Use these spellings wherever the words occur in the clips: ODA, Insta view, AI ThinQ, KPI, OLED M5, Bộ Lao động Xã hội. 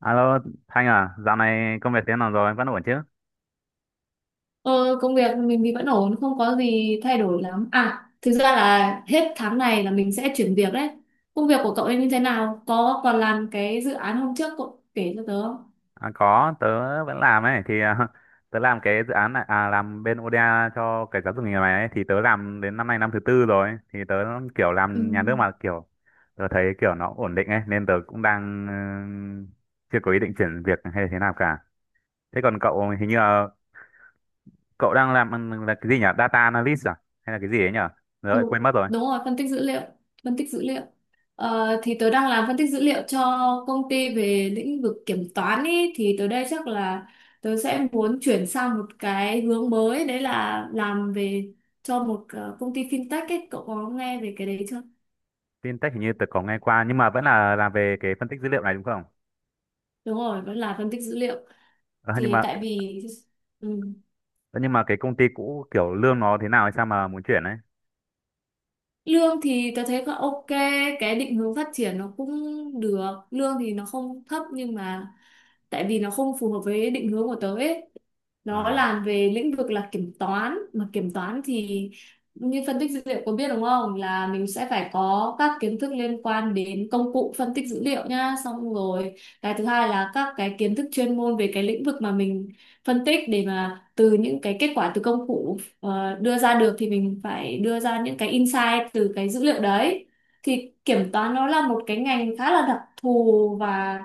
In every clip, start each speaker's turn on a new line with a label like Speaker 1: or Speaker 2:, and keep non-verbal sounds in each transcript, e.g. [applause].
Speaker 1: Alo Thanh à, dạo này công việc thế nào rồi, vẫn ổn chứ?
Speaker 2: Ờ, Công việc mình thì vẫn ổn, không có gì thay đổi lắm. À, thực ra là hết tháng này là mình sẽ chuyển việc đấy. Công việc của cậu ấy như thế nào? Có còn làm cái dự án hôm trước cậu kể cho tớ không?
Speaker 1: À, có, tớ vẫn làm ấy, thì [laughs] tớ làm cái dự án này, làm bên ODA cho cái giáo dục nghề này ấy, thì tớ làm đến năm nay năm thứ tư rồi, thì tớ kiểu
Speaker 2: Ừ,
Speaker 1: làm nhà nước mà kiểu tớ thấy kiểu nó ổn định ấy, nên tớ cũng đang ừ, chưa có ý định chuyển việc hay là thế nào cả. Thế còn cậu hình như là cậu đang làm là cái gì nhỉ? Data analyst à? Hay là cái gì ấy nhỉ? Rồi,
Speaker 2: đúng,
Speaker 1: quên mất rồi.
Speaker 2: đúng rồi, phân tích dữ liệu. Phân tích dữ liệu. Thì tớ đang làm phân tích dữ liệu cho công ty về lĩnh vực kiểm toán ý. Thì tới đây chắc là tớ sẽ muốn chuyển sang một cái hướng mới. Đấy là làm về cho một công ty fintech ấy. Cậu có nghe về cái đấy chưa?
Speaker 1: Fintech hình như tớ có nghe qua, nhưng mà vẫn là làm về cái phân tích dữ liệu này đúng không?
Speaker 2: Đúng rồi, vẫn là phân tích dữ liệu.
Speaker 1: Ờ, nhưng
Speaker 2: Thì
Speaker 1: mà
Speaker 2: tại vì ừ.
Speaker 1: thế nhưng mà cái công ty cũ kiểu lương nó thế nào hay sao mà muốn chuyển ấy.
Speaker 2: Lương thì tớ thấy là ok, cái định hướng phát triển nó cũng được. Lương thì nó không thấp nhưng mà tại vì nó không phù hợp với định hướng của tớ ấy. Nó
Speaker 1: À
Speaker 2: làm về lĩnh vực là kiểm toán, mà kiểm toán thì như phân tích dữ liệu có biết đúng không? Là mình sẽ phải có các kiến thức liên quan đến công cụ phân tích dữ liệu nhá, xong rồi cái thứ hai là các cái kiến thức chuyên môn về cái lĩnh vực mà mình phân tích để mà từ những cái kết quả từ công cụ đưa ra được thì mình phải đưa ra những cái insight từ cái dữ liệu đấy, thì kiểm toán nó là một cái ngành khá là đặc thù và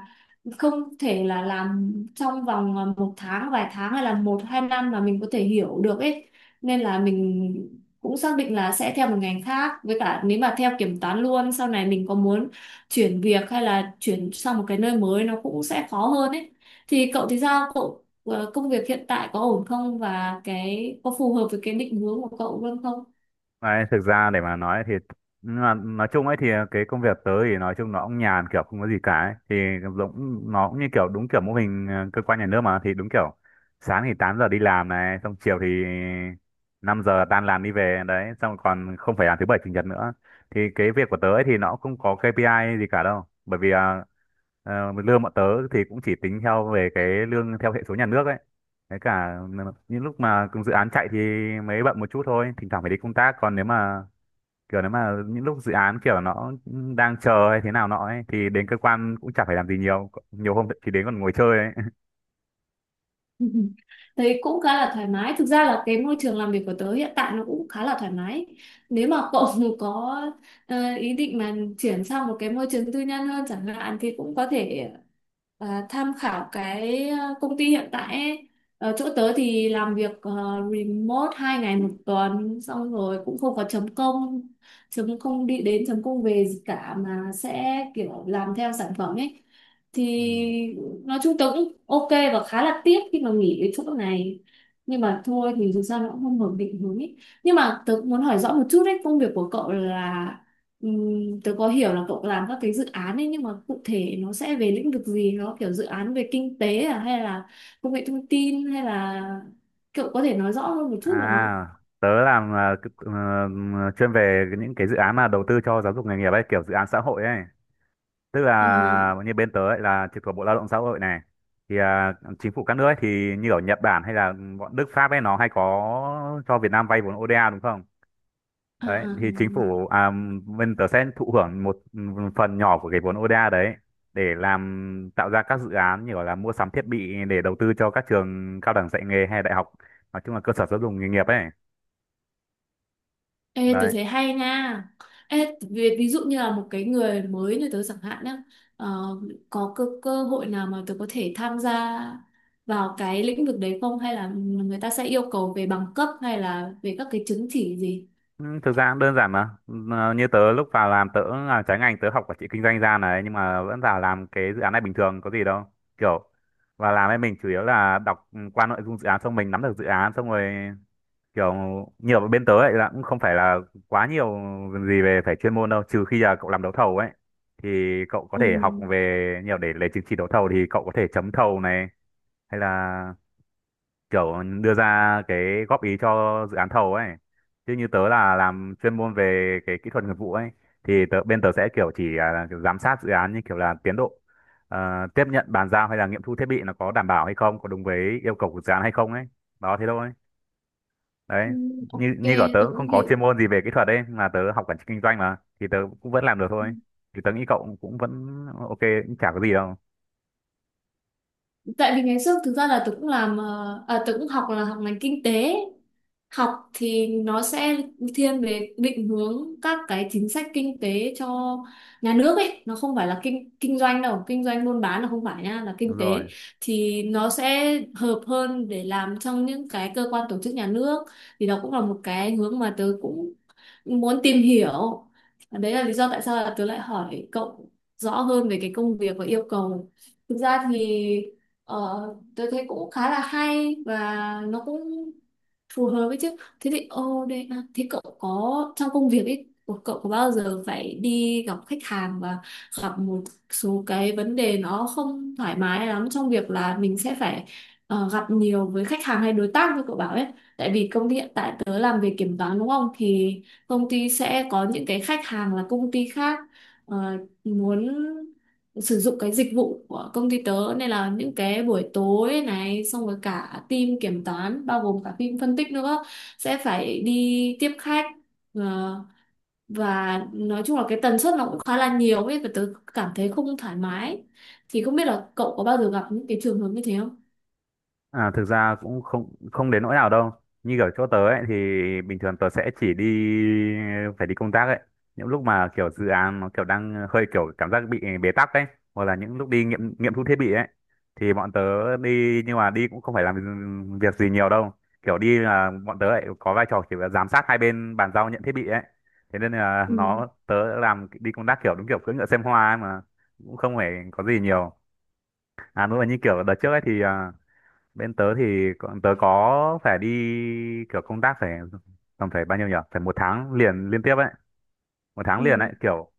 Speaker 2: không thể là làm trong vòng một tháng vài tháng hay là một hai năm mà mình có thể hiểu được ấy, nên là mình cũng xác định là sẽ theo một ngành khác, với cả nếu mà theo kiểm toán luôn sau này mình có muốn chuyển việc hay là chuyển sang một cái nơi mới nó cũng sẽ khó hơn ấy. Thì cậu thì sao cậu, công việc hiện tại có ổn không và cái có phù hợp với cái định hướng của cậu luôn không?
Speaker 1: đấy, thực ra để mà nói thì nhưng mà nói chung ấy thì cái công việc tớ thì nói chung nó cũng nhàn kiểu không có gì cả ấy. Thì cũng nó cũng như kiểu đúng kiểu mô hình cơ quan nhà nước mà thì đúng kiểu sáng thì 8 giờ đi làm này xong chiều thì 5 giờ tan làm đi về đấy xong còn không phải làm thứ bảy chủ nhật nữa, thì cái việc của tớ ấy thì nó cũng không có KPI gì cả đâu, bởi vì lương bọn tớ thì cũng chỉ tính theo về cái lương theo hệ số nhà nước ấy. Cái cả những lúc mà cùng dự án chạy thì mới bận một chút thôi, thỉnh thoảng phải đi công tác. Còn nếu mà kiểu nếu mà những lúc dự án kiểu nó đang chờ hay thế nào nọ ấy, thì đến cơ quan cũng chả phải làm gì nhiều. Nhiều hôm thì đến còn ngồi chơi ấy.
Speaker 2: [laughs] Thấy cũng khá là thoải mái. Thực ra là cái môi trường làm việc của tớ hiện tại nó cũng khá là thoải mái. Nếu mà cậu [laughs] có ý định mà chuyển sang một cái môi trường tư nhân hơn chẳng hạn thì cũng có thể tham khảo cái công ty hiện tại ấy. Ở chỗ tớ thì làm việc remote hai ngày một tuần, xong rồi cũng không có chấm công, đi đến chấm công về gì cả mà sẽ kiểu làm theo sản phẩm ấy. Thì
Speaker 1: Ừ.
Speaker 2: nói chung tớ cũng ok và khá là tiếc khi mà nghỉ cái chỗ này, nhưng mà thôi thì dù sao nó cũng không ổn định hướng ý. Nhưng mà tớ cũng muốn hỏi rõ một chút đấy, công việc của cậu là tớ có hiểu là cậu làm các cái dự án ấy nhưng mà cụ thể nó sẽ về lĩnh vực gì, nó kiểu dự án về kinh tế à hay là công nghệ thông tin hay là cậu có thể nói rõ hơn một chút được không?
Speaker 1: À, tớ làm chuyên về những cái dự án mà đầu tư cho giáo dục nghề nghiệp ấy, kiểu dự án xã hội ấy. Tức
Speaker 2: À,
Speaker 1: là như bên tớ ấy là trực thuộc Bộ Lao động Xã hội này. Thì à, chính phủ các nước ấy thì như ở Nhật Bản hay là bọn Đức Pháp ấy nó hay có cho Việt Nam vay vốn ODA đúng không?
Speaker 2: à, à,
Speaker 1: Đấy
Speaker 2: à.
Speaker 1: thì chính phủ à, bên tớ sẽ thụ hưởng một phần nhỏ của cái vốn ODA đấy để làm tạo ra các dự án như gọi là mua sắm thiết bị để đầu tư cho các trường cao đẳng dạy nghề hay đại học, nói chung là cơ sở giáo dục nghề nghiệp ấy.
Speaker 2: Ê, tớ
Speaker 1: Đấy.
Speaker 2: thấy hay nha. Ê, ví, ví dụ như là một cái người mới như tớ chẳng hạn nhá, ờ, có cơ, cơ hội nào mà tớ có thể tham gia vào cái lĩnh vực đấy không? Hay là người ta sẽ yêu cầu về bằng cấp hay là về các cái chứng chỉ gì?
Speaker 1: Ừ, thực ra cũng đơn giản mà. Ờ, như tớ lúc vào làm tớ làm trái ngành, tớ học quản trị kinh doanh ra này nhưng mà vẫn vào làm cái dự án này bình thường có gì đâu, kiểu và làm ấy mình chủ yếu là đọc qua nội dung dự án xong mình nắm được dự án xong rồi kiểu nhiều bên tớ ấy là cũng không phải là quá nhiều gì về phải chuyên môn đâu, trừ khi là cậu làm đấu thầu ấy thì cậu có
Speaker 2: Ừ.
Speaker 1: thể học về nhiều để lấy chứng chỉ đấu thầu thì cậu có thể chấm thầu này hay là kiểu đưa ra cái góp ý cho dự án thầu ấy, chứ như tớ là làm chuyên môn về cái kỹ thuật nghiệp vụ ấy thì tớ, bên tớ sẽ kiểu chỉ là kiểu giám sát dự án như kiểu là tiến độ, tiếp nhận bàn giao hay là nghiệm thu thiết bị nó có đảm bảo hay không có đúng với yêu cầu của dự án hay không ấy. Đó thế thôi.
Speaker 2: Ừ,
Speaker 1: Đấy,
Speaker 2: ok,
Speaker 1: như như cả tớ
Speaker 2: tôi
Speaker 1: cũng không
Speaker 2: cũng
Speaker 1: có
Speaker 2: hiểu.
Speaker 1: chuyên môn gì về kỹ thuật đấy mà tớ học quản trị kinh doanh mà thì tớ cũng vẫn làm được thôi, thì tớ nghĩ cậu cũng vẫn ok, cũng chả có gì đâu.
Speaker 2: Tại vì ngày trước thực ra là tớ cũng làm tớ cũng học là học ngành kinh tế, học thì nó sẽ thiên về định hướng các cái chính sách kinh tế cho nhà nước ấy, nó không phải là kinh kinh doanh đâu, kinh doanh buôn bán là không phải nha, là
Speaker 1: Đúng
Speaker 2: kinh
Speaker 1: rồi.
Speaker 2: tế. Thì nó sẽ hợp hơn để làm trong những cái cơ quan tổ chức nhà nước, thì đó cũng là một cái hướng mà tớ cũng muốn tìm hiểu. Đấy là lý do tại sao là tớ lại hỏi cậu rõ hơn về cái công việc và yêu cầu. Thực ra thì Ờ, tôi thấy cũng khá là hay và nó cũng phù hợp với chứ. Thế thì ô đây à, thế cậu có trong công việc ấy của cậu có bao giờ phải đi gặp khách hàng và gặp một số cái vấn đề nó không thoải mái lắm trong việc là mình sẽ phải gặp nhiều với khách hàng hay đối tác như cậu bảo ấy. Tại vì công ty hiện tại tớ làm về kiểm toán đúng không? Thì công ty sẽ có những cái khách hàng là công ty khác ờ, muốn sử dụng cái dịch vụ của công ty tớ, nên là những cái buổi tối này xong rồi cả team kiểm toán bao gồm cả team phân tích nữa sẽ phải đi tiếp khách. Ờ, và nói chung là cái tần suất nó cũng khá là nhiều ấy và tớ cảm thấy không thoải mái, thì không biết là cậu có bao giờ gặp những cái trường hợp như thế không?
Speaker 1: À, thực ra cũng không không đến nỗi nào đâu. Như kiểu chỗ tớ ấy thì bình thường tớ sẽ chỉ đi phải đi công tác ấy. Những lúc mà kiểu dự án nó kiểu đang hơi kiểu cảm giác bị bế tắc ấy hoặc là những lúc đi nghiệm nghiệm thu thiết bị ấy thì bọn tớ đi nhưng mà đi cũng không phải làm việc gì nhiều đâu. Kiểu đi là bọn tớ lại có vai trò chỉ là giám sát hai bên bàn giao nhận thiết bị ấy. Thế nên là
Speaker 2: Ừ.
Speaker 1: nó tớ làm đi công tác kiểu đúng kiểu cưỡi ngựa xem hoa ấy mà cũng không phải có gì nhiều. À nữa là như kiểu đợt trước ấy thì bên tớ thì tớ có phải đi kiểu công tác phải tầm phải bao nhiêu nhỉ phải một tháng liền liên tiếp ấy, một tháng liền
Speaker 2: Ừ.
Speaker 1: ấy kiểu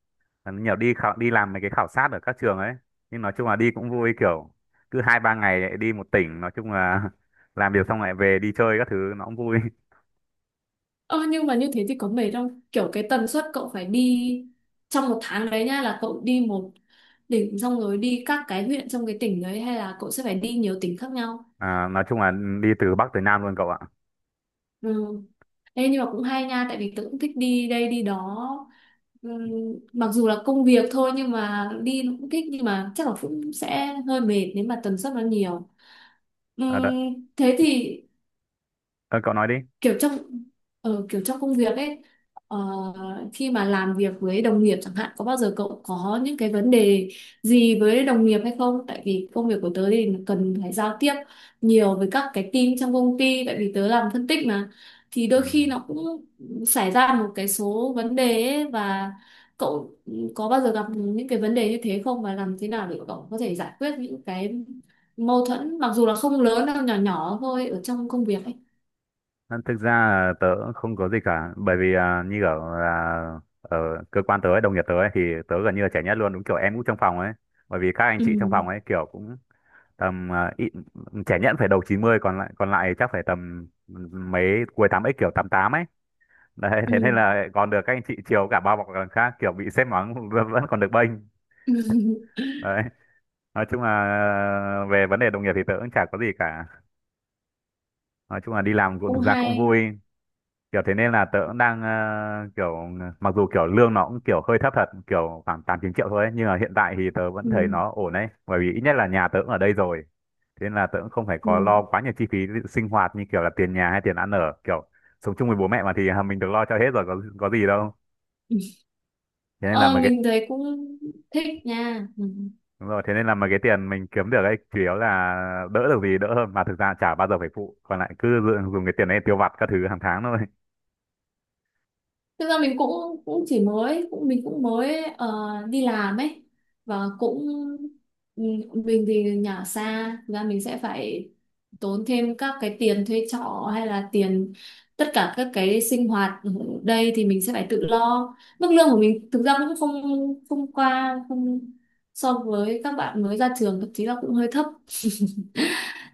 Speaker 1: nhiều đi đi làm mấy cái khảo sát ở các trường ấy, nhưng nói chung là đi cũng vui kiểu cứ hai ba ngày lại đi một tỉnh, nói chung là [laughs] làm việc xong lại về đi chơi các thứ nó cũng vui.
Speaker 2: Ờ, nhưng mà như thế thì có mệt không? Kiểu cái tần suất cậu phải đi trong một tháng đấy nhá, là cậu đi một tỉnh xong rồi đi các cái huyện trong cái tỉnh đấy hay là cậu sẽ phải đi nhiều tỉnh khác nhau?
Speaker 1: À, nói chung là đi từ Bắc tới Nam luôn cậu ạ.
Speaker 2: Ừ. Ê, nhưng mà cũng hay nha, tại vì tớ cũng thích đi đây đi đó. Ừm, mặc dù là công việc thôi nhưng mà đi nó cũng thích, nhưng mà chắc là cũng sẽ hơi mệt nếu mà tần suất nó nhiều.
Speaker 1: à, đợi,
Speaker 2: Thế thì
Speaker 1: ờ, cậu nói đi.
Speaker 2: kiểu trong kiểu trong công việc ấy, ờ, khi mà làm việc với đồng nghiệp chẳng hạn có bao giờ cậu có những cái vấn đề gì với đồng nghiệp hay không, tại vì công việc của tớ thì cần phải giao tiếp nhiều với các cái team trong công ty tại vì tớ làm phân tích mà, thì
Speaker 1: Ừ.
Speaker 2: đôi khi nó cũng xảy ra một cái số vấn đề ấy, và cậu có bao giờ gặp những cái vấn đề như thế không và làm thế nào để cậu có thể giải quyết những cái mâu thuẫn mặc dù là không lớn đâu, nhỏ nhỏ thôi ở trong công việc ấy.
Speaker 1: À, thực ra là tớ cũng không có gì cả bởi vì à, như kiểu là ở cơ quan tớ ấy, đồng nghiệp tớ ấy, thì tớ gần như là trẻ nhất luôn đúng kiểu em cũng trong phòng ấy, bởi vì các anh chị trong
Speaker 2: Ừ.
Speaker 1: phòng ấy kiểu cũng tầm trẻ nhất phải đầu chín mươi, còn lại chắc phải tầm mấy cuối tám x kiểu 88 ấy. [laughs] Đấy thế nên
Speaker 2: Ừ.
Speaker 1: là còn được các anh chị chiều cả bao bọc lần khác kiểu bị sếp mắng [laughs] vẫn vẫn còn được bênh.
Speaker 2: [laughs]
Speaker 1: Đấy, nói chung là về vấn đề đồng nghiệp thì tớ cũng chả có gì cả, nói chung là đi làm cũng
Speaker 2: Cũng
Speaker 1: thực ra cũng
Speaker 2: hay.
Speaker 1: vui kiểu thế nên là tớ cũng đang kiểu mặc dù kiểu lương nó cũng kiểu hơi thấp thật kiểu khoảng 8 9 triệu thôi ấy, nhưng mà hiện tại thì tớ vẫn
Speaker 2: Ừ.
Speaker 1: thấy nó ổn đấy bởi vì ít nhất là nhà tớ cũng ở đây rồi, thế nên là tớ cũng không phải có
Speaker 2: Ừ.
Speaker 1: lo quá nhiều chi phí sinh hoạt như kiểu là tiền nhà hay tiền ăn ở kiểu sống chung với bố mẹ mà thì [laughs] mình được lo cho hết rồi có gì đâu.
Speaker 2: Ừ.
Speaker 1: Thế nên là
Speaker 2: Ờ
Speaker 1: mấy cái.
Speaker 2: mình thấy cũng thích nha. Ừ.
Speaker 1: Đúng rồi, thế nên là mấy cái tiền mình kiếm được ấy chủ yếu là đỡ được gì đỡ hơn mà thực ra chả bao giờ phải phụ còn lại cứ dùng dùng cái tiền đấy tiêu vặt các thứ hàng tháng thôi.
Speaker 2: Thực ra mình cũng cũng chỉ mới cũng mình cũng mới đi làm ấy, và cũng ừ, mình thì nhà xa, thực ra mình sẽ phải tốn thêm các cái tiền thuê trọ hay là tiền tất cả các cái sinh hoạt ở đây thì mình sẽ phải tự lo. Mức lương của mình thực ra cũng không, không qua không so với các bạn mới ra trường, thậm chí là cũng hơi thấp,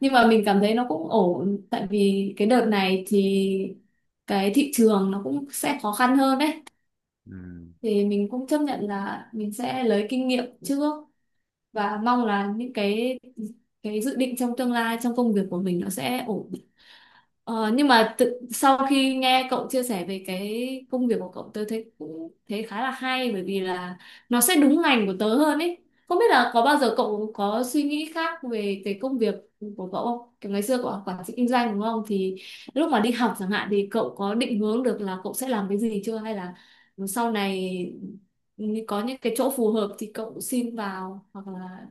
Speaker 2: nhưng mà mình cảm thấy nó cũng ổn tại vì cái đợt này thì cái thị trường nó cũng sẽ khó khăn hơn đấy,
Speaker 1: Ừ.
Speaker 2: thì mình cũng chấp nhận là mình sẽ lấy kinh nghiệm trước và mong là những cái dự định trong tương lai trong công việc của mình nó sẽ ổn. Ờ, nhưng mà tự, sau khi nghe cậu chia sẻ về cái công việc của cậu tớ thấy cũng thấy khá là hay bởi vì là nó sẽ đúng ngành của tớ hơn ấy. Không biết là có bao giờ cậu có suy nghĩ khác về cái công việc của cậu không? Kiểu ngày xưa cậu học quản trị kinh doanh đúng không? Thì lúc mà đi học chẳng hạn thì cậu có định hướng được là cậu sẽ làm cái gì chưa hay là sau này có những cái chỗ phù hợp thì cậu xin vào hoặc là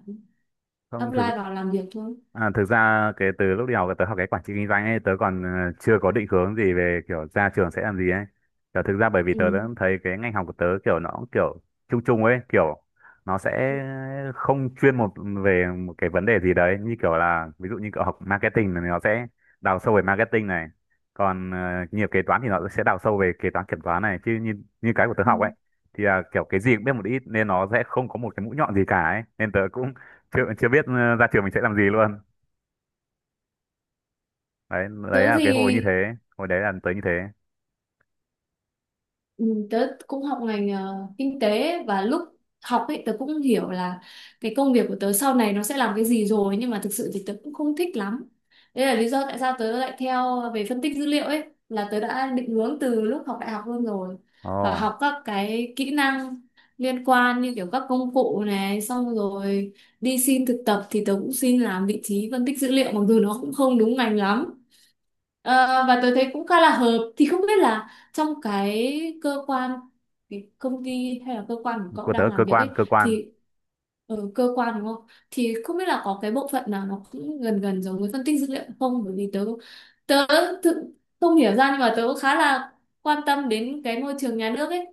Speaker 1: Không
Speaker 2: apply
Speaker 1: thực.
Speaker 2: vào làm việc thôi.
Speaker 1: À, thực ra cái từ lúc đi học tớ học cái quản trị kinh doanh ấy tớ còn chưa có định hướng gì về kiểu ra trường sẽ làm gì ấy, kiểu thực ra bởi vì tớ đã
Speaker 2: Ừ.
Speaker 1: thấy cái ngành học của tớ kiểu nó cũng kiểu chung chung ấy kiểu nó sẽ không chuyên một về một cái vấn đề gì đấy như kiểu là ví dụ như cậu học marketing thì nó sẽ đào sâu về marketing này còn nghiệp kế toán thì nó sẽ đào sâu về kế toán kiểm toán này chứ như như cái của tớ
Speaker 2: Ừ.
Speaker 1: học ấy thì là kiểu cái gì cũng biết một ít nên nó sẽ không có một cái mũi nhọn gì cả ấy, nên tớ cũng chưa chưa biết ra trường mình sẽ làm gì luôn. Đấy đấy
Speaker 2: Tớ
Speaker 1: là
Speaker 2: thì
Speaker 1: cái hồi như thế hồi đấy là tớ như thế.
Speaker 2: ừ, tớ cũng học ngành kinh tế và lúc học ấy tớ cũng hiểu là cái công việc của tớ sau này nó sẽ làm cái gì rồi, nhưng mà thực sự thì tớ cũng không thích lắm. Đây là lý do tại sao tớ lại theo về phân tích dữ liệu ấy, là tớ đã định hướng từ lúc học đại học luôn rồi và
Speaker 1: Ồ,
Speaker 2: học các cái kỹ năng liên quan như kiểu các công cụ này, xong rồi đi xin thực tập thì tớ cũng xin làm vị trí phân tích dữ liệu mặc dù nó cũng không đúng ngành lắm. Ờ, và tôi thấy cũng khá là hợp, thì không biết là trong cái cơ quan, cái công ty hay là cơ quan của cậu
Speaker 1: của tớ
Speaker 2: đang
Speaker 1: cơ
Speaker 2: làm việc
Speaker 1: quan
Speaker 2: ấy
Speaker 1: cơ quan.
Speaker 2: thì ở cơ quan đúng không, thì không biết là có cái bộ phận nào nó cũng gần gần giống với phân tích dữ liệu không, bởi vì tớ tớ thực không hiểu ra nhưng mà tớ cũng khá là quan tâm đến cái môi trường nhà nước ấy.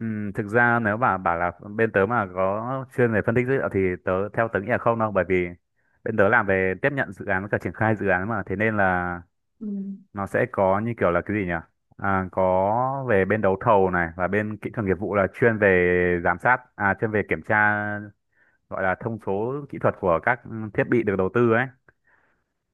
Speaker 1: Thực ra nếu mà bảo là bên tớ mà có chuyên về phân tích dữ liệu thì tớ theo tớ nghĩ là không đâu, bởi vì bên tớ làm về tiếp nhận dự án với cả triển khai dự án mà, thế nên là
Speaker 2: Ừ.
Speaker 1: nó sẽ có như kiểu là cái gì nhỉ, à, có về bên đấu thầu này và bên kỹ thuật nghiệp vụ là chuyên về giám sát à chuyên về kiểm tra gọi là thông số kỹ thuật của các thiết bị được đầu tư ấy.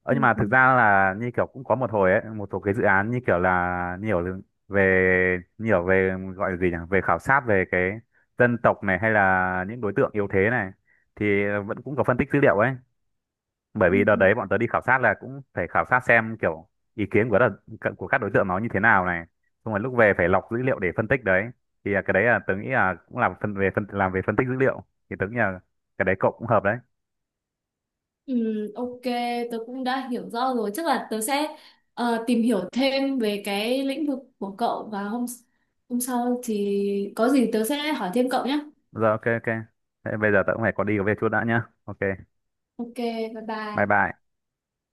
Speaker 1: Ờ,
Speaker 2: Ừ.
Speaker 1: nhưng mà
Speaker 2: Ừ,
Speaker 1: thực ra là như kiểu cũng có một hồi ấy, một số cái dự án như kiểu là nhiều là về nhiều về gọi là gì nhỉ? Về khảo sát về cái dân tộc này hay là những đối tượng yếu thế này thì vẫn cũng có phân tích dữ liệu ấy. Bởi vì đợt
Speaker 2: ừ.
Speaker 1: đấy bọn tớ đi khảo sát là cũng phải khảo sát xem kiểu ý kiến của đợt, của các đối tượng nó như thế nào này. Xong rồi lúc về phải lọc dữ liệu để phân tích đấy. Thì là cái đấy là tớ nghĩ là cũng làm phân về phân làm về phân tích dữ liệu, thì tớ nghĩ là cái đấy cậu cũng hợp đấy.
Speaker 2: Ừ, ok, tớ cũng đã hiểu rõ rồi. Chắc là tớ sẽ tìm hiểu thêm về cái lĩnh vực của cậu và hôm hôm sau thì có gì tớ sẽ hỏi thêm cậu nhé.
Speaker 1: Rồi ok ok. Thế bây giờ tớ cũng phải có đi có việc chút đã nhá. Ok.
Speaker 2: Ok, bye
Speaker 1: Bye
Speaker 2: bye.
Speaker 1: bye.